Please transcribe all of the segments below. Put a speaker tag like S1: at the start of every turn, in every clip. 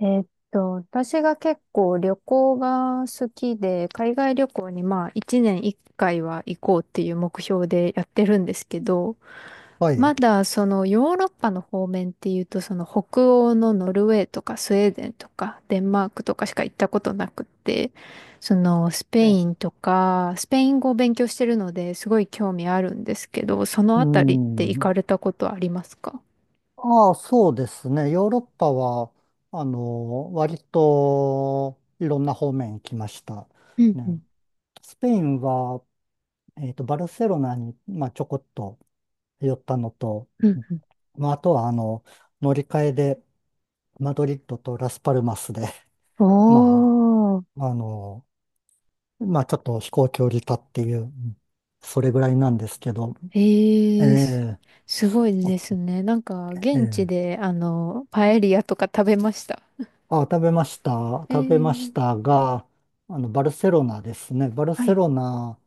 S1: えーっ私が結構旅行が好きで、海外旅行にまあ1年1回は行こうっていう目標でやってるんですけど、
S2: は
S1: ま
S2: い。
S1: だそのヨーロッパの方面っていうと、その北欧のノルウェーとかスウェーデンとかデンマークとかしか行ったことなくって、そのスペイ
S2: え
S1: ンとか、スペイン語を勉強してるのですごい興味あるんですけど、その
S2: う
S1: あたりって行
S2: ん。
S1: かれたことありますか？
S2: ああ、そうですね。ヨーロッパは、割といろんな方面行きました。
S1: うんう
S2: ね、
S1: ん
S2: スペインは、バルセロナに、まあ、ちょこっと寄ったのと、
S1: うんうん。
S2: まあ、あとは、乗り換えで、マドリッドとラスパルマスで、
S1: お
S2: ま
S1: ー。
S2: あ、まあ、ちょっと飛行距離だっていう、それぐらいなんですけど、え
S1: ええす、
S2: え
S1: すごいですね。なんか、現地
S2: ええ、
S1: で、パエリアとか食べました。
S2: あ、食べました。
S1: え
S2: 食べまし
S1: え、
S2: たが、バルセロナですね。バル
S1: は
S2: セ
S1: い。
S2: ロナ、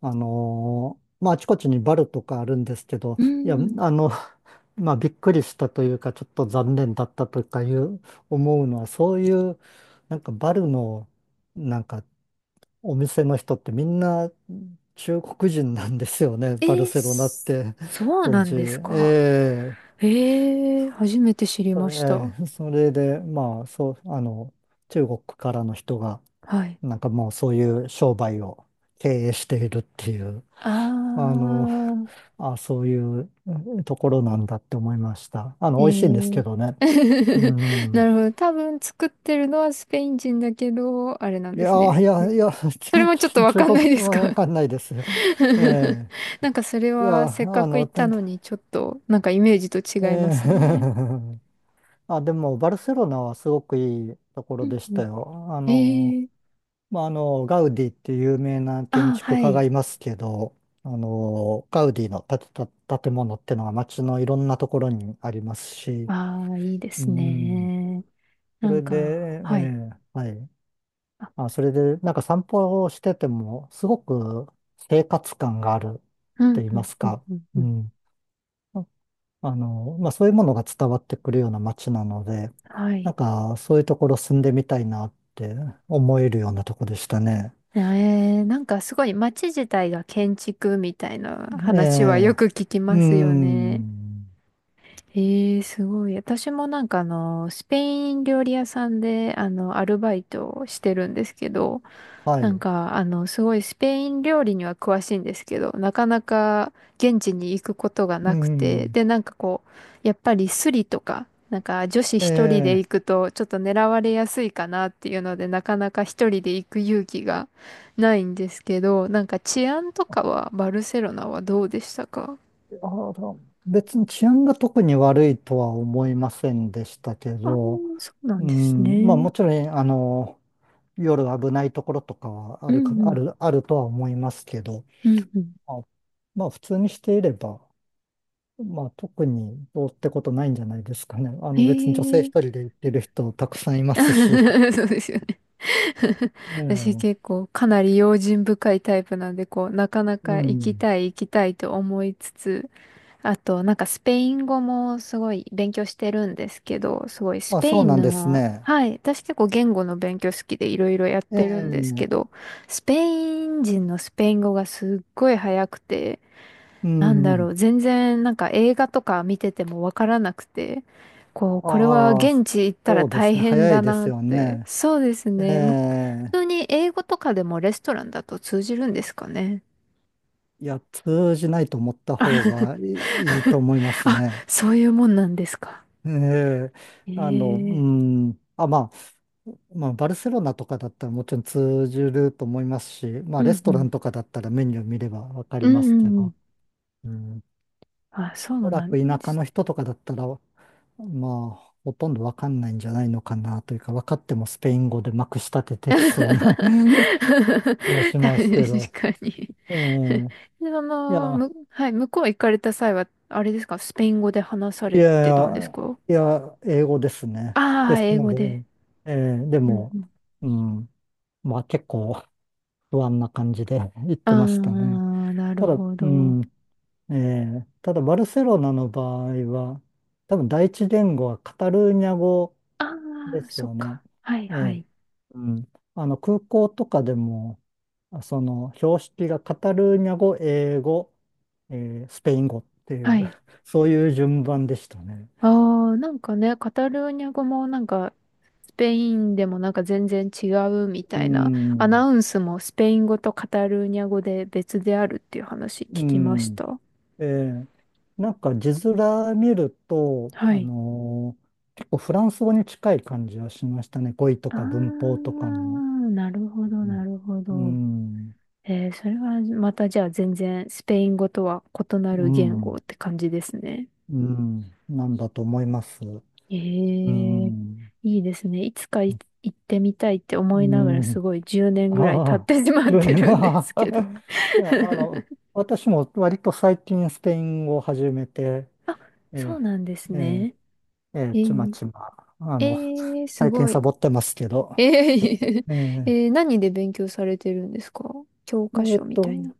S2: まあ、あちこちにバルとかあるんですけど、
S1: う
S2: いや、
S1: ん。
S2: まあ、びっくりしたというか、ちょっと残念だったとかいう、思うのは、そういう、なんかバルの、なんか、お店の人ってみんな中国人なんですよね。バル
S1: ええ
S2: セロナっ
S1: す、
S2: て、
S1: そう
S2: 当
S1: なん
S2: 時。
S1: ですか？
S2: ええ
S1: ええ、初めて知りました。
S2: ええそれで、まあ、そう、中国からの人が、
S1: はい。
S2: なんかもうそういう商売を経営しているっていう、
S1: あ
S2: あの、
S1: ー。
S2: あ、そういうところなんだって思いました。あの、
S1: え
S2: 美味しいんですけ
S1: え
S2: どね。う
S1: な
S2: ん。
S1: るほど。多分作ってるのはスペイン人だけど、あれなん
S2: い
S1: で
S2: や
S1: すね。
S2: ー、いや、いや、
S1: それもちょっと
S2: ち
S1: わ
S2: 中
S1: かん
S2: 国
S1: ないで
S2: 語
S1: す
S2: はわ
S1: か？
S2: かんないです。ええ
S1: なんかそれ
S2: いや、
S1: はせっ
S2: あ
S1: かく
S2: の、
S1: 行っ
S2: て
S1: たのにちょっとなんかイメージと
S2: え
S1: 違いますね。
S2: え あ、でも、バルセロナはすごくいいところ
S1: うん
S2: でし
S1: う
S2: た
S1: ん。
S2: よ。あの、
S1: ええ、
S2: まあ、あの、ガウディっていう有名な建
S1: あ、
S2: 築
S1: は
S2: 家が
S1: い。
S2: いますけど、あの、ガウディの建てた建物ってのが街のいろんなところにありますし、
S1: ああ、いいで
S2: う
S1: す
S2: ん、
S1: ね。
S2: そ
S1: なん
S2: れで、
S1: か、
S2: え
S1: はい。
S2: えはい。
S1: あ、
S2: あ、それで、なんか散歩をしてても、すごく生活感があるっ
S1: うん、
S2: て言い
S1: う
S2: ま
S1: ん、
S2: す
S1: うん、
S2: か、
S1: うん、う
S2: う
S1: ん。
S2: ん。ああの、まあ、そういうものが伝わってくるような街なので、
S1: は
S2: なん
S1: い。
S2: か、そういうところ住んでみたいなって思えるようなとこでしたね。
S1: ええ、なんかすごい街自体が建築みたいな
S2: え
S1: 話はよ
S2: え、
S1: く聞き
S2: う
S1: ますよね。
S2: ん、
S1: ええ、すごい。私もなんかスペイン料理屋さんでアルバイトをしてるんですけど、
S2: は
S1: なん
S2: い、
S1: か、すごいスペイン料理には詳しいんですけど、なかなか現地に行くことが
S2: う
S1: なくて、
S2: ん、
S1: で、なんかこう、やっぱりスリとか、なんか女子
S2: え
S1: 一人で行
S2: え、
S1: くとちょっと狙われやすいかなっていうので、なかなか一人で行く勇気がないんですけど、なんか治安とかはバルセロナはどうでしたか？
S2: あの別に治安が特に悪いとは思いませんでしたけ
S1: ああー、
S2: ど、
S1: そうな
S2: う
S1: んです
S2: ん、まあ
S1: ね。
S2: もちろん、夜危ないところとかはあ
S1: う
S2: るか、
S1: んう
S2: あ
S1: ん。
S2: る、あるとは思いますけど、
S1: うんうん。
S2: まあ、まあ普通にしていれば、まあ特にどうってことないんじゃないですかね。あ
S1: へ
S2: の別に女性一
S1: え
S2: 人で行ってる人たくさんいますし。
S1: そうですよね。
S2: え
S1: 私
S2: え、
S1: 結構かなり用心深いタイプなんで、こう、なかな
S2: う
S1: か行き
S2: ん。
S1: たい行きたいと思いつつ、あとなんかスペイン語もすごい勉強してるんですけど、すごいス
S2: まあ、
S1: ペ
S2: そ
S1: イ
S2: う
S1: ン
S2: なんです
S1: の、
S2: ね。
S1: はい、私結構言語の勉強好きでいろいろやっ
S2: え
S1: てるんですけ
S2: え、
S1: ど、スペイン人のスペイン語がすっごい早くて、
S2: う
S1: なんだろ
S2: ん。
S1: う、全然なんか映画とか見ててもわからなくて、こう、これは
S2: ああ、
S1: 現地行ったら
S2: そうで
S1: 大
S2: すね。
S1: 変
S2: 早い
S1: だ
S2: で
S1: な
S2: す
S1: っ
S2: よ
S1: て。
S2: ね。
S1: そうです
S2: え
S1: ね。
S2: え、
S1: 普通に英語とかでもレストランだと通じるんですかね？
S2: いや、通じないと思った
S1: あ
S2: 方 がいいと思います
S1: あ、
S2: ね。
S1: そういうもんなんですか？
S2: ええ、
S1: ええ、
S2: うん。あ、まあ、まあ、バルセロナとかだったらもちろん通じると思いますし、まあ、
S1: う
S2: レス
S1: んう
S2: トラ
S1: ん。
S2: ンとかだったらメニュー見ればわかり
S1: うん
S2: ま
S1: う
S2: すけ
S1: んうん。
S2: ど。うん。
S1: あ、そ
S2: お
S1: う
S2: そら
S1: なん
S2: く田
S1: で
S2: 舎
S1: す。
S2: の人とかだったら、まあ、ほとんどわかんないんじゃないのかなというか、分かってもスペイン語でまくし立て てきそうな
S1: 確
S2: 気がし
S1: か
S2: ますけど、
S1: に。
S2: え え。
S1: で
S2: いや、
S1: はい、向こう行かれた際は、あれですか、スペイン語で話さ
S2: い
S1: れ
S2: やい
S1: てたんです
S2: や、
S1: か？
S2: いや、英語ですね。
S1: ああ
S2: で
S1: ー、
S2: す
S1: 英
S2: の
S1: 語
S2: で、
S1: で。
S2: ええで
S1: う
S2: も、
S1: ん
S2: うん、まあ結構不安な感じで 言っ
S1: う
S2: てましたね。
S1: ん。ああ、な
S2: た
S1: る
S2: だ、
S1: ほ
S2: う
S1: ど。
S2: ん、ええただバルセロナの場合は、多分第一言語はカタルーニャ語
S1: あ
S2: で
S1: あ、
S2: す
S1: そっ
S2: よね。
S1: か。はい
S2: え
S1: は
S2: え、
S1: い。
S2: うん。あの、空港とかでも、その、標識がカタルーニャ語、英語、スペイン語ってい
S1: は
S2: う
S1: い。
S2: そういう順番でしたね。
S1: ああ、なんかね、カタルーニャ語もなんか、スペインでもなんか全然違うみ
S2: う
S1: たいな、アナ
S2: ん。
S1: ウンスもスペイン語とカタルーニャ語で別であるっていう話
S2: う
S1: 聞きまし
S2: ん。
S1: た。
S2: ええ、なんか字面見ると、
S1: はい。
S2: 結構フランス語に近い感じはしましたね。語彙と
S1: あ
S2: か文法とかも。
S1: ー、なるほど、
S2: う
S1: な
S2: ん。
S1: るほ
S2: う
S1: ど。
S2: ん。
S1: えー、それはまたじゃあ全然スペイン語とは異な
S2: う
S1: る言語っ
S2: ん。
S1: て感じですね。
S2: うんなんだと思います。
S1: え
S2: う
S1: ー、
S2: ん。
S1: いいですね。いつか行ってみたいって
S2: う
S1: 思いながらす
S2: ん。
S1: ごい10年ぐらい経っ
S2: ああ、
S1: てしまって
S2: 年。
S1: るんで
S2: あ
S1: す
S2: あ
S1: けど。
S2: いや、私も割と最近スペイン語を始めて、
S1: あ、そ
S2: え
S1: うなんです
S2: え、え
S1: ね。
S2: え、ええ
S1: え
S2: ちま
S1: ー、
S2: ちま、
S1: えー、す
S2: 最近
S1: ご
S2: サ
S1: い。
S2: ボってますけど、
S1: えー、
S2: え え、
S1: 何で勉強されてるんですか？教科
S2: えっ
S1: 書みたい
S2: と、
S1: な。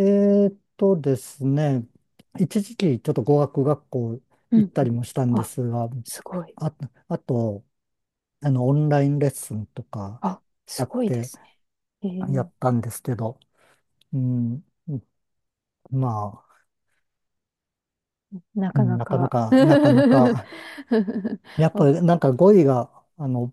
S2: えっとですね、一時期ちょっと語学学校
S1: うん
S2: 行った
S1: うん。
S2: りもしたんで
S1: あ、
S2: すが、
S1: すごい。
S2: あ、あと、オンラインレッスンとか
S1: あ、
S2: あ
S1: す
S2: っ
S1: ごいで
S2: て
S1: すね。
S2: や
S1: え
S2: ったんですけど、うん、まあ、
S1: ー、な
S2: う
S1: か
S2: ん、
S1: なか
S2: なかな か、やっぱ
S1: わ
S2: りなんか語彙が、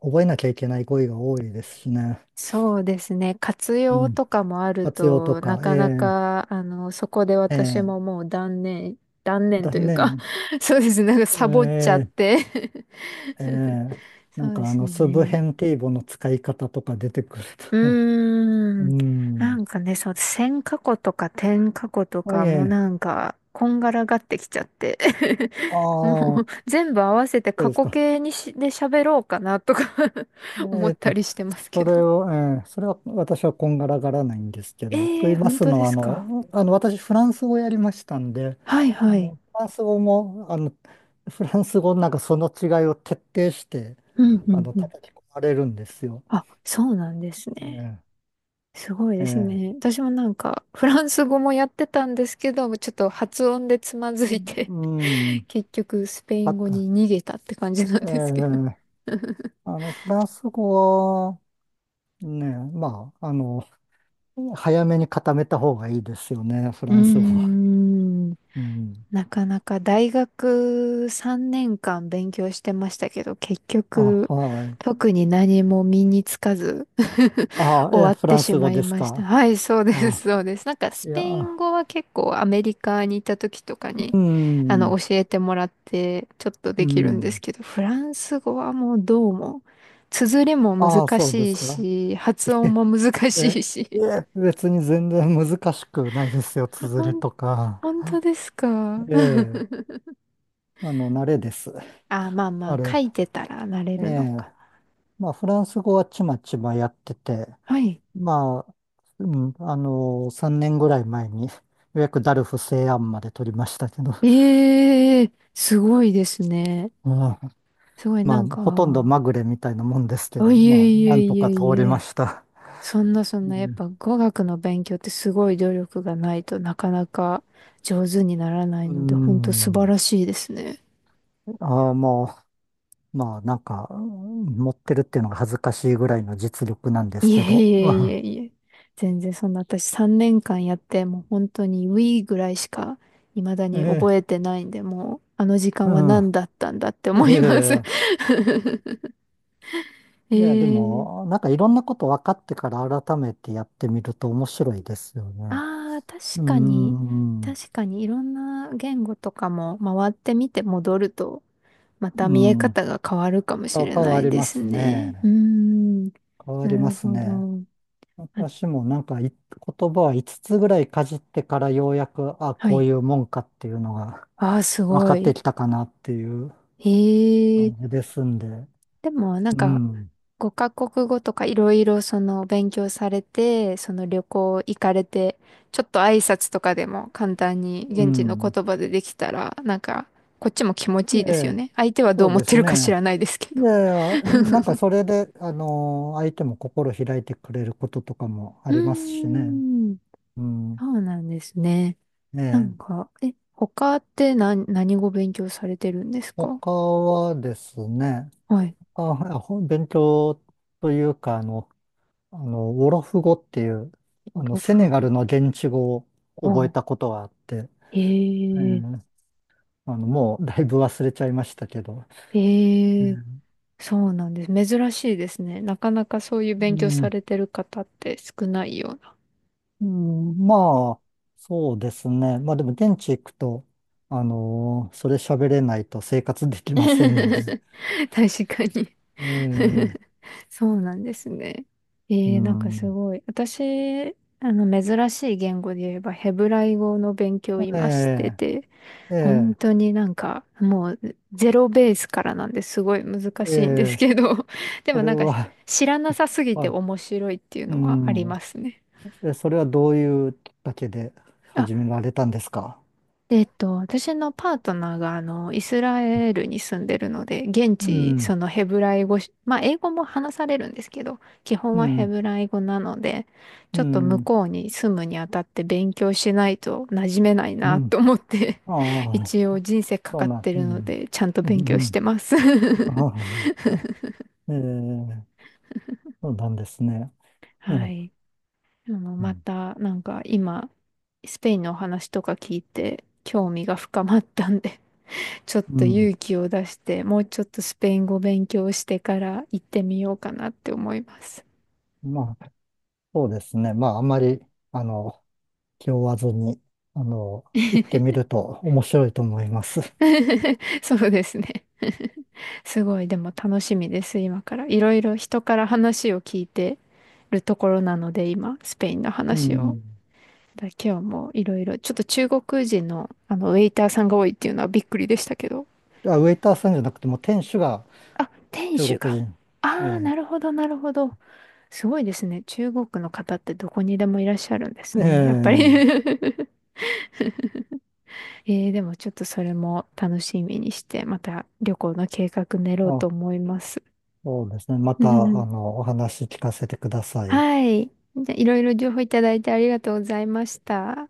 S2: 覚えなきゃいけない語彙が多いですしね。
S1: そうですね。活
S2: う
S1: 用
S2: ん。
S1: とかもある
S2: 活用と
S1: と、な
S2: か、
S1: かな
S2: え
S1: か、そこで
S2: え
S1: 私
S2: え
S1: も
S2: え
S1: もう断念、断念
S2: だ
S1: というか
S2: ね、
S1: そうですね。なんかサボっちゃっ
S2: ええ
S1: て
S2: ええ な
S1: そ
S2: ん
S1: うで
S2: かあ
S1: す
S2: の、スブ
S1: ね。
S2: ヘンティーボの使い方とか出てくる
S1: う
S2: と。
S1: ー
S2: う
S1: ん。な
S2: ん。
S1: んかね、そう、線過去とか点過去と
S2: は
S1: か
S2: い、
S1: も
S2: え
S1: な
S2: え
S1: んか、こんがらがってきちゃって
S2: あ
S1: もう、
S2: あ、そ
S1: 全部合わせて
S2: う
S1: 過
S2: です
S1: 去
S2: か。
S1: 形にし、で喋ろうかなとか
S2: え
S1: 思っ
S2: え
S1: たりしてますけ
S2: そ
S1: ど。
S2: れを、ええそれは私はこんがらがらないんですけど、と
S1: ええ
S2: 言い
S1: ー、
S2: ま
S1: 本
S2: す
S1: 当
S2: の
S1: で
S2: は、あ
S1: すか？
S2: の、あの私、フランス語やりましたんで、
S1: はいはい。
S2: フランス語も、フランス語のなんかその違いを徹底して、
S1: うんうんうん。
S2: 叩き込まれるんですよ。
S1: あ、そうなんですね。
S2: ね
S1: すごい
S2: え
S1: です
S2: え、
S1: ね。私もなんか、フランス語もやってたんですけど、ちょっと発音でつま
S2: う
S1: ずいて
S2: ん、うん
S1: 結局、スペイ
S2: あ
S1: ン語
S2: と、
S1: に逃げたって感じなん
S2: ええ、
S1: ですけど。
S2: あの、フランス語は、ね、まあ、あの、早めに固めた方がいいですよね、フラ
S1: うー
S2: ンス語は。
S1: ん。
S2: うん。
S1: なかなか大学3年間勉強してましたけど、結
S2: あ、
S1: 局、
S2: はい。
S1: 特に何も身につかず
S2: あ、
S1: 終
S2: え、
S1: わっ
S2: フ
S1: て
S2: ラン
S1: し
S2: ス
S1: ま
S2: 語
S1: い
S2: です
S1: ました。
S2: か。
S1: はい、そうです、
S2: あ、
S1: そうです。なんか
S2: い
S1: スペイン
S2: や、
S1: 語は結構アメリカにいた時とかに、
S2: うん、
S1: 教えてもらってちょっと
S2: う
S1: できるんです
S2: ん。
S1: けど、フランス語はもうどうも、綴りも
S2: ああ、
S1: 難
S2: そうで
S1: しい
S2: すか。
S1: し、発音 も難し
S2: え、
S1: いし。
S2: え、別に全然難しくないですよ、綴
S1: ほ
S2: り
S1: ん、
S2: とか。
S1: 本当ですか？
S2: ええ、慣れです。
S1: あ、まあま
S2: あ
S1: あ、書
S2: れ。
S1: いてたらなれ
S2: え
S1: るの
S2: え、
S1: か。
S2: まあ、フランス語はちまちまやってて、
S1: はい。
S2: まあ、うん、3年ぐらい前に、ようやくダルフ西安まで取りましたけど、
S1: ええ、すごいですね。
S2: うん、
S1: すごい
S2: ま
S1: な
S2: あ、
S1: ん
S2: ほとんど
S1: か、
S2: まぐれみたいなもんですけ
S1: あ、
S2: ど、
S1: いえ
S2: まあ、
S1: い
S2: な
S1: え
S2: んと
S1: い
S2: か
S1: え
S2: 通
S1: い
S2: りま
S1: え。
S2: した。
S1: そんなそん
S2: う
S1: な、やっ
S2: ん。
S1: ぱ語学の勉強ってすごい努力がないとなかなか上手にならない
S2: う
S1: ので、ほんと素晴
S2: ん
S1: らしいですね。
S2: ああ、もう、まあ、なんか、うん持ってるっていうのが恥ずかしいぐらいの実力なんです
S1: いえ
S2: け
S1: い
S2: ど。う
S1: えい
S2: ん
S1: えいえ。全然そんな私3年間やって、もう本当に We ぐらいしか未だ
S2: え
S1: に覚
S2: え、
S1: えてないんで、もうあの時
S2: う
S1: 間は
S2: ん。
S1: 何だったんだって思
S2: いや
S1: いま
S2: い
S1: す。
S2: や、いや、で も、
S1: ええ、
S2: なんかいろんなこと分かってから改めてやってみると面白いですよね。
S1: ああ、
S2: うー
S1: 確かに、
S2: ん、
S1: 確かにいろんな言語とかも回ってみて戻ると、ま
S2: う
S1: た見え
S2: ん。
S1: 方が変わるかもし
S2: あ
S1: れ
S2: 変
S1: な
S2: わ
S1: い
S2: り
S1: で
S2: ま
S1: す
S2: す
S1: ね。うー
S2: ね。
S1: ん、
S2: 変わ
S1: な
S2: りま
S1: る
S2: す
S1: ほ
S2: ね。
S1: ど。あ、
S2: 私もなん言葉は5つつぐらいかじってからようやく、あ、
S1: は
S2: こう
S1: い。
S2: いうもんかっていうのが
S1: ああ、す
S2: 分か
S1: ご
S2: って
S1: い。
S2: きたかなっていう
S1: へえ。
S2: 感じですんで。
S1: でも、なん
S2: う
S1: か、
S2: ん、
S1: 5カ国語とかいろいろその勉強されて、その旅行行かれて、ちょっと挨拶とかでも簡単に
S2: う
S1: 現地の
S2: ん。
S1: 言葉でできたら、なんか、こっちも気持ちいいで
S2: え
S1: すよ
S2: え、
S1: ね。相手はど
S2: そ
S1: う
S2: う
S1: 思っ
S2: で
S1: て
S2: す
S1: るか知
S2: ね。
S1: らないですけ
S2: い
S1: ど。
S2: やいや、なんか それで、相手も心開いてくれることとかもあ
S1: う
S2: りますしね。
S1: ーん、
S2: うん。
S1: そうなんですね。
S2: え
S1: なん
S2: え、
S1: か、え、他って何語勉強されてるんですか？
S2: 他はですね、
S1: はい。
S2: あ、勉強というか、あの、ウォロフ語っていう、
S1: オド
S2: セ
S1: フ
S2: ネガ
S1: 語。
S2: ルの現地語を
S1: お
S2: 覚え
S1: う。
S2: たことがあって、え
S1: へえ、
S2: え、もうだいぶ忘れちゃいましたけど、ええ
S1: へえ、そうなんです。珍しいですね。なかなかそういう
S2: う
S1: 勉強さ
S2: ん
S1: れてる方って少ないような。
S2: うん、まあ、そうですね。まあでも現地行くと、それ喋れないと生活できま せんので。
S1: 確かに。
S2: ええ、
S1: そうなんですね。え
S2: う
S1: ー、なんかす
S2: ん。
S1: ごい。私、珍しい言語で言えば、ヘブライ語の勉強を
S2: え
S1: 今して
S2: え、
S1: て、
S2: え
S1: 本
S2: え、
S1: 当になんか、もう、ゼロベースからなんですごい難
S2: え
S1: しいんです
S2: え、
S1: けど、で
S2: そ
S1: もな
S2: れ
S1: んか、
S2: は、
S1: 知らな さすぎ
S2: ま
S1: て
S2: あ、
S1: 面白いっていう
S2: う
S1: のはあり
S2: ん。
S1: ますね。
S2: え、それはどういうきっかけで始められたんですか？
S1: で、私のパートナーが、イスラエルに住んでるので、現
S2: う
S1: 地、
S2: ん、
S1: そのヘブライ語し、まあ、英語も話されるんですけど、基本
S2: う
S1: はヘ
S2: ん、
S1: ブライ語なので、
S2: う
S1: ちょっと向
S2: ん、
S1: こうに住むにあたって勉強しないと馴染めない
S2: う
S1: な
S2: ん。
S1: と思って、
S2: あ あ、
S1: 一応人生か
S2: そう
S1: かっ
S2: なん、
S1: て
S2: う
S1: るの
S2: ん、
S1: で、ちゃんと
S2: う
S1: 勉
S2: ん、
S1: 強
S2: う
S1: し
S2: ん。
S1: てます。
S2: ああ、ええ、そうなんですね。ええ
S1: はい。
S2: う
S1: ま
S2: ん
S1: た、なんか今、スペインのお話とか聞いて、興味が深まったんでちょっ
S2: う
S1: と
S2: ん。
S1: 勇気を出して、もうちょっとスペイン語勉強してから行ってみようかなって思います。
S2: まあ、そうですね。まあ、あまり、あの、気負わずに、あの、行ってみると面白いと思います。
S1: そうですね。すごい、でも楽しみです、今から。いろいろ人から話を聞いてるところなので、今、スペインの
S2: う
S1: 話を。
S2: ん。
S1: 今日もいろいろ、ちょっと中国人の、ウェイターさんが多いっていうのはびっくりでしたけど。
S2: あ、ウェイターさんじゃなくても、店主が
S1: あ、店
S2: 中
S1: 主
S2: 国
S1: が。
S2: 人。え
S1: ああ、
S2: え。
S1: なるほど、なるほど。すごいですね。中国の方ってどこにでもいらっしゃるんで
S2: え
S1: すね。やっぱり
S2: え。
S1: えー、でもちょっとそれも楽しみにして、また旅行の計画練ろうと
S2: あ、
S1: 思います。
S2: そうですね。ま
S1: う
S2: た、
S1: んうん、
S2: お話聞かせてください。
S1: はい。じゃあいろいろ情報いただいてありがとうございました。